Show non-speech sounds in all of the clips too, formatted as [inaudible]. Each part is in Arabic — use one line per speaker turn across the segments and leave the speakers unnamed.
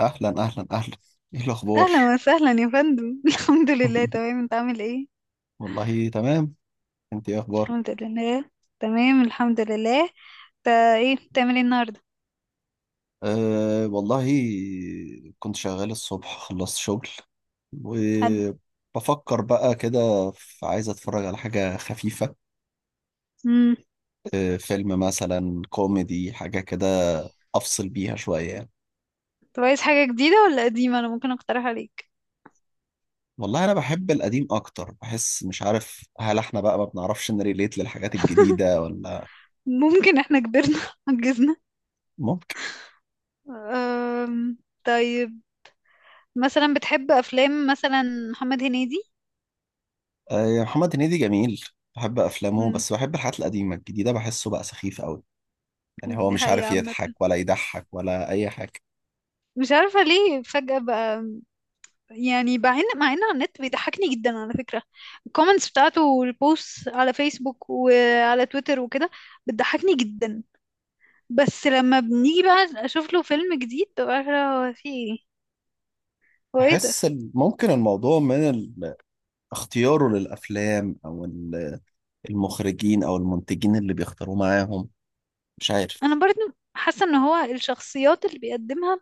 اهلا اهلا اهلا، ايه الاخبار؟
اهلا وسهلا يا فندم [laughs] الحمد لله
[laughs]
تمام، انت عامل ايه؟
والله تمام. انت ايه اخبارك؟
الحمد لله تمام، الحمد لله. انت ايه بتعمل ايه النهارده؟
أه والله، كنت شغال الصبح، خلصت شغل
حد
وبفكر بقى كده في عايز اتفرج على حاجة خفيفة.
امم
أه فيلم مثلا كوميدي حاجة كده، افصل بيها شوية يعني.
طب عايز حاجه جديده ولا قديمه؟ انا ممكن اقترح عليك.
والله انا بحب القديم اكتر، بحس مش عارف هل احنا بقى ما بنعرفش نريليت للحاجات الجديدة ولا.
ممكن احنا كبرنا [laughs] عجزنا. أم... طيب، مثلا بتحب افلام مثلا محمد هنيدي؟
آه، يا محمد هنيدي جميل. بحب افلامه،
امم
بس بحب الحاجات القديمه، الجديده بحسه بقى سخيف قوي. يعني هو
دي
مش
حقيقة
عارف
عامه،
يضحك ولا يضحك ولا اي حاجه.
مش عارفه ليه فجاه بقى. يعني مع ان على النت بيضحكني جدا على فكرة، الكومنتس بتاعته والبوست على فيسبوك وعلى تويتر وكده بتضحكني جدا. بس لما بنيجي بقى اشوف له فيلم جديد، ببقى عارفة هو في ايه، هو ايه ده.
بحس ممكن الموضوع من اختياره للافلام او المخرجين او المنتجين اللي بيختاروه معاهم، مش
انا
عارف.
برضه حاسة ان هو الشخصيات اللي بيقدمها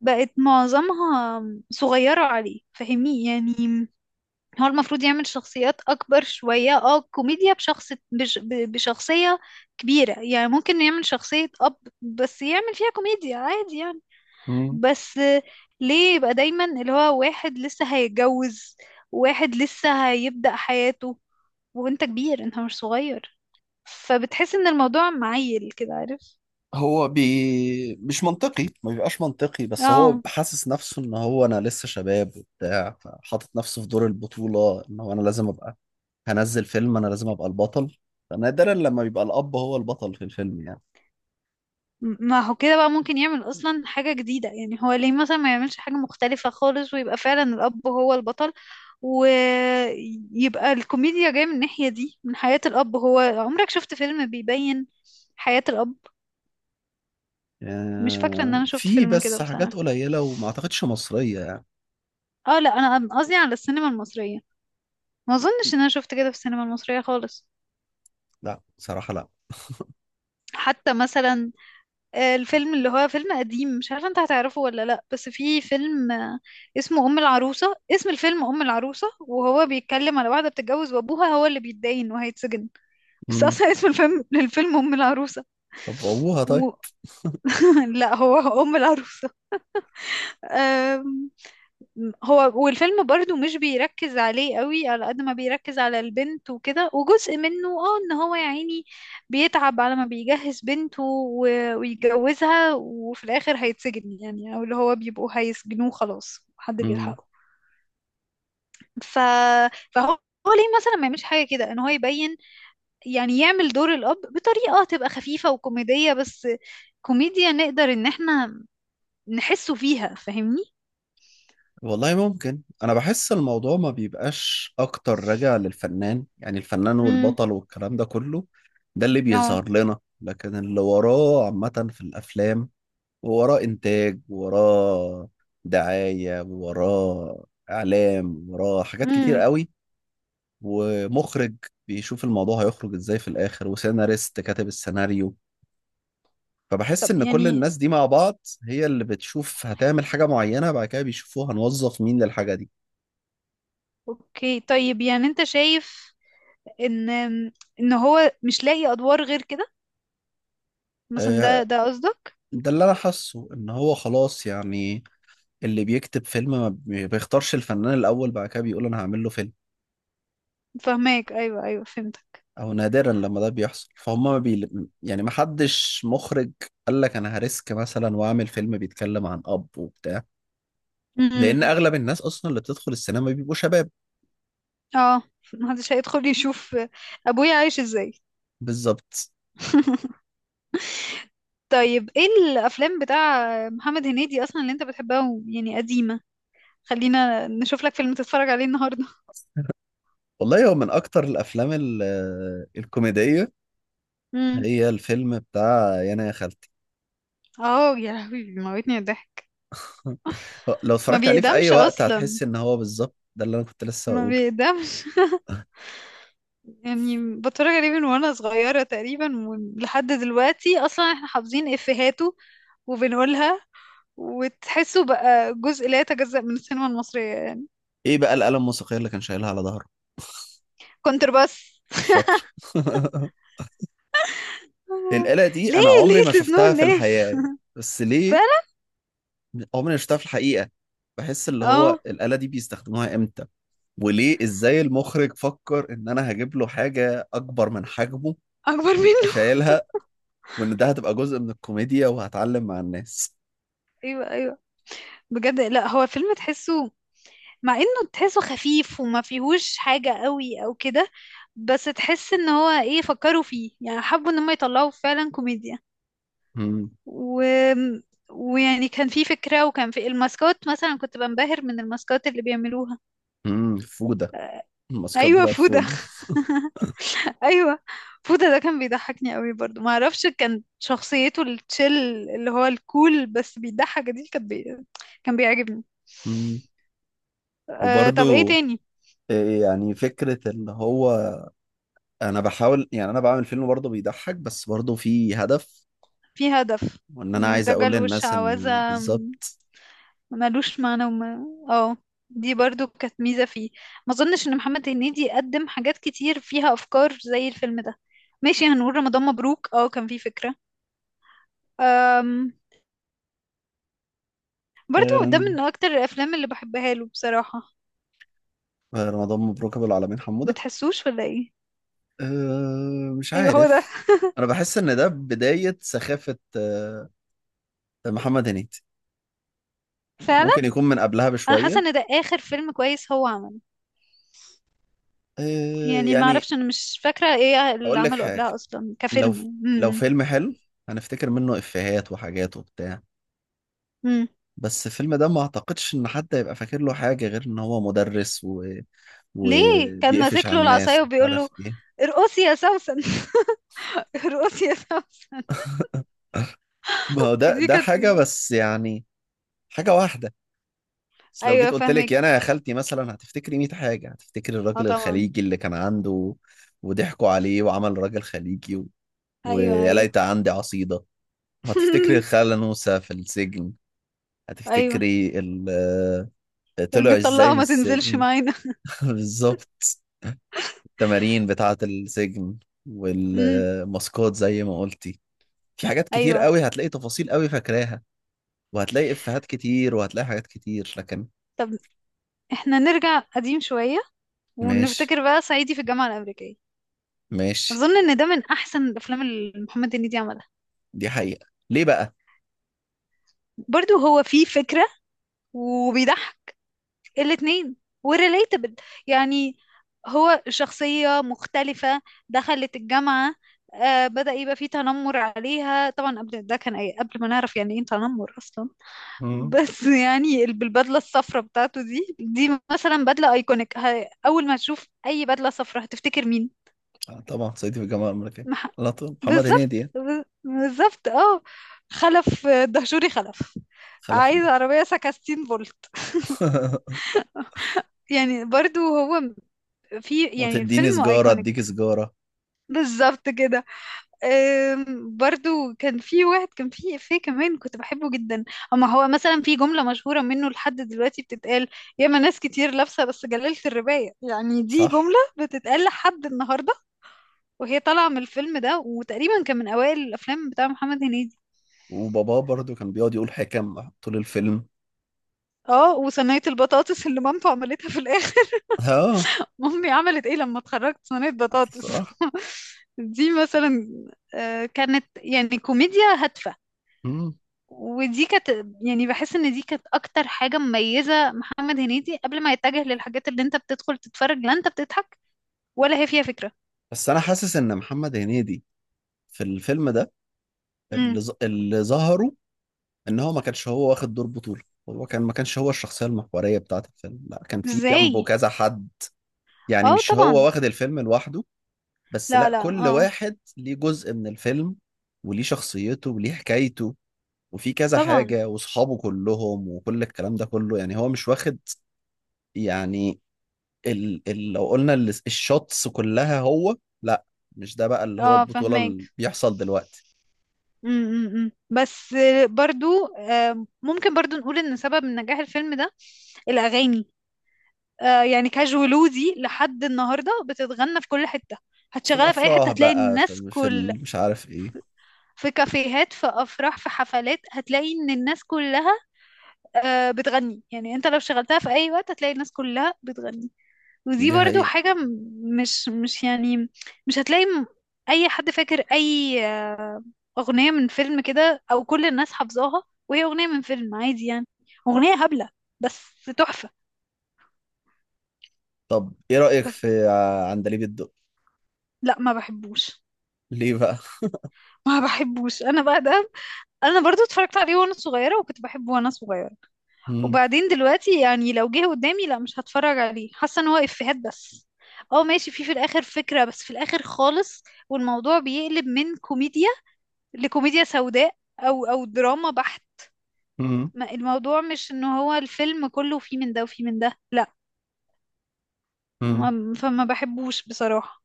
بقت معظمها صغيرة عليه، فاهمني يعني؟ هو المفروض يعمل شخصيات اكبر شوية، اه كوميديا بشخصية كبيرة يعني. ممكن يعمل شخصية اب بس يعمل فيها كوميديا عادي يعني. بس ليه يبقى دايما اللي هو واحد لسه هيتجوز، واحد لسه هيبدأ حياته، وانت كبير، انت مش صغير، فبتحس ان الموضوع معيل كده، عارف؟
مش منطقي، ما بيبقاش منطقي، بس هو
اه.
حاسس نفسه ان هو انا لسه شباب وبتاع، فحاطط نفسه في دور البطولة ان هو انا لازم ابقى هنزل فيلم انا لازم ابقى البطل. فنادرا لما بيبقى الاب هو البطل في الفيلم يعني.
ما هو كده بقى ممكن يعمل اصلا حاجة جديدة. يعني هو ليه مثلا ما يعملش حاجة مختلفة خالص ويبقى فعلا الاب هو البطل، ويبقى الكوميديا جاية من الناحية دي، من حياة الاب؟ هو عمرك شفت فيلم بيبين حياة الاب؟ مش فاكرة ان
آه،
انا شفت
في
فيلم كده
بس
بصراحة.
حاجات قليلة وما اعتقدش مصرية يعني.
اه لا، أنا قصدي على السينما المصرية، ما اظنش ان انا شفت كده في السينما المصرية خالص.
لا صراحة لا.
حتى مثلا الفيلم اللي هو فيلم قديم، مش عارفة انت هتعرفه ولا لا، بس في فيلم اسمه أم العروسة. اسم الفيلم أم العروسة، وهو بيتكلم على واحدة بتتجوز وأبوها هو اللي بيتدين وهيتسجن. بس
مم.
أصلا اسم الفيلم [laughs] للفيلم أم العروسة.
طب ابوها طيب.
و... [laughs] لا، هو أم العروسة. هو والفيلم برضو مش بيركز عليه قوي على قد ما بيركز على البنت وكده، وجزء منه اه ان هو يا عيني بيتعب على ما بيجهز بنته ويتجوزها، وفي الاخر هيتسجن يعني، او اللي هو بيبقوا هيسجنوه خلاص، حد
مم.
بيلحقه. ف... فهو، هو ليه مثلا ما يعملش حاجة كده، ان هو يبين يعني يعمل دور الاب بطريقة تبقى خفيفة وكوميدية، بس كوميديا نقدر ان احنا نحسه فيها، فاهمني؟
والله ممكن، انا بحس الموضوع ما بيبقاش اكتر راجع للفنان، يعني الفنان
امم.
والبطل والكلام ده كله ده اللي
اه.
بيظهر لنا، لكن اللي وراه عامة في الافلام وراه انتاج، وراه دعاية، وراه اعلام، وراه حاجات كتير
امم.
قوي، ومخرج بيشوف الموضوع هيخرج ازاي في الاخر، وسيناريست كاتب السيناريو. فبحس
طب
ان كل
يعني
الناس دي مع بعض هي اللي بتشوف هتعمل حاجة معينة، بعد كده بيشوفوها هنوظف مين للحاجة دي.
اوكي طيب، يعني انت شايف ان ان هو مش لاقي ادوار غير كده مثلا؟ ده
آه،
ده قصدك؟
ده اللي انا حاسه، ان هو خلاص يعني اللي بيكتب فيلم، ما بي- بيختارش الفنان الاول، بعد كده بيقول انا هعمل له فيلم.
فهماك، ايوه ايوه، فهمتك.
او نادرا لما ده بيحصل، فهم ما بي... يعني ما حدش مخرج قال لك انا هريسك مثلا واعمل فيلم بيتكلم عن اب وبتاع،
امم.
لان اغلب الناس اصلا اللي بتدخل السينما بيبقوا شباب.
اه محدش هيدخل يشوف ابويا عايش ازاي.
بالظبط.
[laughs] طيب ايه الافلام بتاع محمد هنيدي اصلا اللي انت بتحبها يعني قديمة؟ خلينا نشوف لك فيلم تتفرج عليه النهارده.
والله هو من اكتر الافلام الكوميديه
امم.
هي الفيلم بتاع يانا يا خالتي.
اه، يا لهوي بيموتني الضحك.
[laughs] لو
ما
اتفرجت عليه في اي
بيقدمش
وقت
اصلا،
هتحس ان هو بالظبط ده اللي انا كنت لسه
ما
هقوله.
بيقدمش. [laughs] يعني بتفرج عليه من وانا صغيرة تقريبا لحد دلوقتي، اصلا احنا حافظين افيهاته وبنقولها، وتحسه بقى جزء لا يتجزأ من السينما المصرية يعني.
ايه بقى الآلة الموسيقية اللي كان شايلها على ظهره؟
كونترباس.
الشطر. [laughs]
[laughs]
الآلة دي
ليه
انا عمري
ليه
ما
تزنون
شفتها في
الناس؟
الحياة يعني.
[laughs]
بس ليه؟
فعلا.
عمري ما شفتها في الحقيقة. بحس اللي
اه.
هو الآلة دي بيستخدموها امتى؟ وليه؟ ازاي المخرج فكر ان انا هجيب له حاجة اكبر من حجمه
اكبر
يبقى
منه.
شايلها، وان ده هتبقى جزء من الكوميديا وهتعلم مع الناس.
[laughs] ايوه ايوه، بجد. لا هو فيلم تحسه، مع انه تحسه خفيف وما فيهوش حاجة قوي او كده، بس تحس ان هو ايه فكروا فيه يعني، حبوا ان هم يطلعوا فعلا كوميديا.
امم
و... ويعني كان في فكرة، وكان في الماسكات مثلا، كنت بنبهر من الماسكات اللي بيعملوها.
فودة، الماسكات
ايوه
بتاعت
فودة.
فودة.
[laughs] ايوه فودة ده كان بيضحكني قوي برضو. ما اعرفش، كان شخصيته التشيل اللي هو الكول بس بيضحك دي، كان كان بيعجبني.
امم.
أه طب ايه
وبرضو
تاني؟
إيه، يعني فكرة اللي هو انا بحاول، يعني انا بعمل فيلم برضه بيضحك بس برضه في هدف،
في هدف،
وان انا
من
عايز اقول
الدجل
للناس ان
والشعوذة،
بالظبط.
ملوش معنى. وما اه دي برضو كانت ميزة فيه. ما اظنش ان محمد هنيدي قدم حاجات كتير فيها افكار زي الفيلم ده. ماشي، هنقول رمضان مبروك، اه كان فيه فكرة. أم... برضو ده
آم،
من اكتر الافلام اللي بحبها له بصراحة.
رمضان مبروك ابو العالمين حمودة.
بتحسوش ولا ايه؟
آم، مش
ايوه، هو ده،
عارف، انا بحس ان ده بداية سخافة آه، محمد هنيدي.
فعلا.
ممكن يكون من قبلها
انا حاسه
بشوية.
ان ده اخر فيلم كويس هو عمله.
آه،
يعني ما
يعني
اعرفش، انا مش فاكره ايه اللي
هقول لك
عمله
حاجة.
قبلها اصلا
لو
كفيلم.
لو
امم.
فيلم حلو هنفتكر منه افيهات وحاجات وبتاع،
امم.
بس الفيلم ده ما اعتقدش ان حد هيبقى فاكر له حاجة غير ان هو مدرس و...
ليه كان
وبيقفش
ماسك
على
له
الناس
العصايه
مش
وبيقول له
عارف ايه.
ارقصي يا سوسن؟ [laughs] ارقصي يا سوسن.
ما هو ده
دي
ده
كانت،
حاجة بس، يعني حاجة واحدة. بس لو جيت
ايوه
قلت لك
فاهمك،
يا انا يا خالتي مثلا هتفتكري 100 حاجة، هتفتكري
اه
الراجل
طبعا.
الخليجي اللي كان عنده وضحكوا عليه وعمل راجل خليجي و...
ايوه
ويا
ايوه.
ليت عندي عصيدة. وهتفتكري
[laughs]
الخالة نوسة في السجن،
ايوه،
هتفتكري ال... طلع ازاي
المطلقه
من
ما تنزلش
السجن.
معانا.
[laughs] بالظبط. التمارين بتاعة السجن
امم.
والماسكات زي ما قلتي، في حاجات كتير
ايوه.
قوي هتلاقي تفاصيل قوي فاكراها، وهتلاقي إفيهات كتير، وهتلاقي حاجات كتير، لكن
طب احنا نرجع قديم شويه
ماشي
ونفتكر بقى صعيدي في الجامعه الامريكيه.
ماشي.
اظن ان ده من احسن الافلام اللي محمد هنيدي عملها.
دي حقيقة، ليه بقى؟
برضو هو فيه فكره وبيضحك الاتنين، وريليتابل يعني. هو شخصيه مختلفه دخلت الجامعه، آه بدأ يبقى فيه تنمر عليها طبعا، قبل ده كان، أي قبل ما نعرف يعني ايه تنمر اصلا.
مم.
بس [laughs] يعني بالبدله الصفراء بتاعته دي، دي مثلا بدله ايكونيك. اول ما تشوف اي بدله صفراء هتفتكر مين؟
آه، طبعا صعيدي في الجامعة الأمريكية،
مح...
على طول محمد هنيدي يعني.
بالظبط، اه. خلف، دهشوري خلف.
خلف
عايز
الضجة.
عربيه سكستين فولت.
[laughs]
يعني برضو هو في يعني
وتديني
الفيلم
سجارة أديك
ايكونيك.
سجارة.
بالظبط كده. برضو كان في واحد، كان في إفيه كمان كنت بحبه جدا، اما هو مثلا في جملة مشهورة منه لحد دلوقتي بتتقال: ياما ناس كتير لابسة بس جلالة الرباية. يعني دي
صح،
جملة بتتقال لحد النهاردة، وهي طالعة من الفيلم ده، وتقريبا كان من أوائل الأفلام بتاع محمد هنيدي.
وباباه برضو كان بيقعد يقول حكم طول الفيلم.
اه، وصينية البطاطس اللي مامته عملتها في الآخر.
اه
[laughs] مامي عملت ايه لما اتخرجت؟ صينية بطاطس.
صح.
[laughs] دي مثلا كانت يعني كوميديا هادفة.
مم.
ودي كانت، يعني بحس ان دي كانت اكتر حاجة مميزة محمد هنيدي قبل ما يتجه للحاجات اللي انت بتدخل تتفرج لا انت بتضحك ولا هي فيها فكرة.
بس أنا حاسس إن محمد هنيدي في الفيلم ده
امم.
اللي ظهروا ان هو ما كانش هو واخد دور بطولة، هو كان ما كانش هو الشخصية المحورية بتاعة الفيلم، لا كان في جنبه
ازاي؟
كذا حد. يعني
اه
مش هو
طبعا.
واخد الفيلم لوحده، بس
لا
لا
لا،
كل
اه
واحد ليه جزء من الفيلم وليه شخصيته وليه حكايته، وفي كذا
طبعا.
حاجة وصحابه كلهم وكل الكلام ده كله. يعني هو مش واخد يعني ال ال لو قلنا ال- الشوتس كلها هو، لا مش ده بقى اللي هو
اه
البطولة اللي
فهماك.
بيحصل دلوقتي.
امم. بس برضو ممكن برضو نقول ان سبب نجاح الفيلم ده الاغاني. يعني كاجولو دي لحد النهارده بتتغنى في كل حتة.
في
هتشغلها في اي حتة
الأفراح
هتلاقي
بقى،
الناس
في, في
كل،
ال- مش عارف ايه.
في كافيهات، في افراح، في حفلات، هتلاقي ان الناس كلها بتغني. يعني انت لو شغلتها في اي وقت هتلاقي الناس كلها بتغني. ودي
دي
برضو
حقيقة.
حاجة مش يعني مش هتلاقي اي حد فاكر اي اغنية من فيلم كده، او كل الناس حافظاها وهي اغنية من فيلم عادي يعني. اغنية هبلة بس تحفة.
طب ايه رأيك
ف-
في عندليب الدق؟
لا، ما بحبوش.
ليه بقى؟
ما بحبوش انا بقى ده. انا برضو اتفرجت عليه وانا صغيرة وكنت بحبه وانا صغيرة،
مم.
وبعدين دلوقتي يعني لو جه قدامي لا مش هتفرج عليه، حاسه ان هو افيهات بس. اه ماشي، في في الاخر فكره بس في الاخر خالص، والموضوع بيقلب من كوميديا لكوميديا سوداء او دراما بحت.
مم.
الموضوع مش ان هو الفيلم كله فيه من ده وفيه من ده، لا.
مم.
فما بحبوش بصراحه.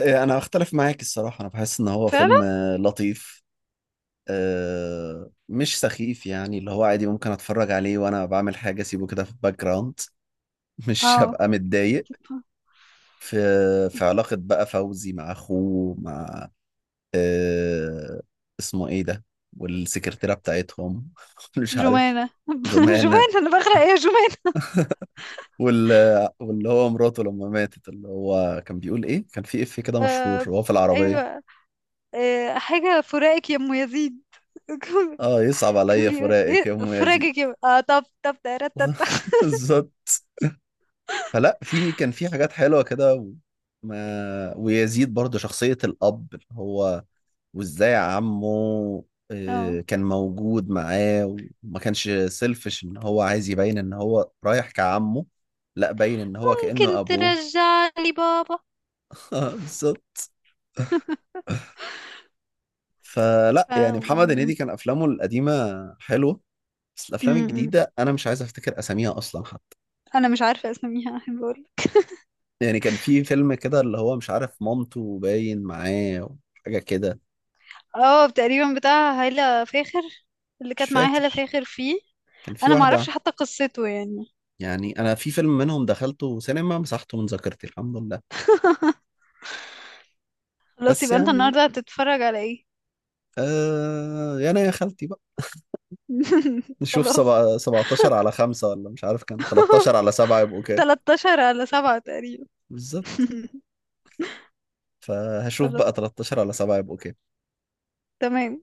إيه، انا اختلف معاك الصراحة، انا بحس ان هو
فعلا.
فيلم آه، لطيف آه، مش سخيف، يعني اللي هو عادي ممكن اتفرج عليه وانا بعمل حاجة، اسيبه كده في الباك جراوند. [laughs] مش
اه.
هبقى متضايق. في في علاقة بقى فوزي مع اخوه مع آه، اسمه ايه ده، والسكرتيرة بتاعتهم. [laughs] مش عارف،
جمانة. [laughs]
جمانة.
جمانة، انا بغرق ايه يا جمانة.
وال... واللي هو مراته لما ماتت اللي هو كان بيقول ايه، كان في اف كده مشهور
آه،
وهو في العربية.
ايوه. آه، حاجة فراقك يا ام يزيد. [laughs]
اه، يصعب
كان
عليا
بيقول
فراقك يا
ايه؟
ام يزيد.
فراجي كده اه، طب طب ترتت.
[laughs] بالظبط. فلا في كان في حاجات حلوة كده و... ما ويزيد برضه شخصية الأب اللي هو، وازاي عمه
اه،
آه، كان موجود معاه، وما كانش سيلفش ان هو عايز يبين ان هو رايح كعمه، لا باين ان هو كأنه
ممكن
ابوه.
ترجع لي بابا.
[laughs] بالظبط. فلا
ف
يعني محمد
م-
هنيدي كان افلامه القديمه حلوه، بس الافلام
م-
الجديده انا مش عايز افتكر اساميها اصلا حتى.
انا مش عارفه اسميها، احب اقول.
يعني كان في فيلم كده اللي هو مش عارف مامته باين معاه وحاجه كده.
اه تقريبا بتاع هالة فاخر، اللي
مش
كانت معايا هالة
فاكر،
فاخر فيه.
كان في
انا ما
واحده،
اعرفش حتى قصته يعني.
يعني انا في فيلم منهم دخلته سينما مسحته من ذاكرتي، الحمد لله.
[laughs] خلاص،
بس
يبقى انت
يعني
النهارده هتتفرج على ايه؟
آه يا انا يا خالتي بقى.
[laughs]
نشوف
خلاص.
سبعة 17 على 5، ولا مش عارف كان 13 على 7 يبقوا
[laughs]
كام؟
13 على 7 تقريبا.
بالظبط،
[laughs]
فهشوف
خلاص،
بقى 13 على 7 يبقوا كام؟
تمام.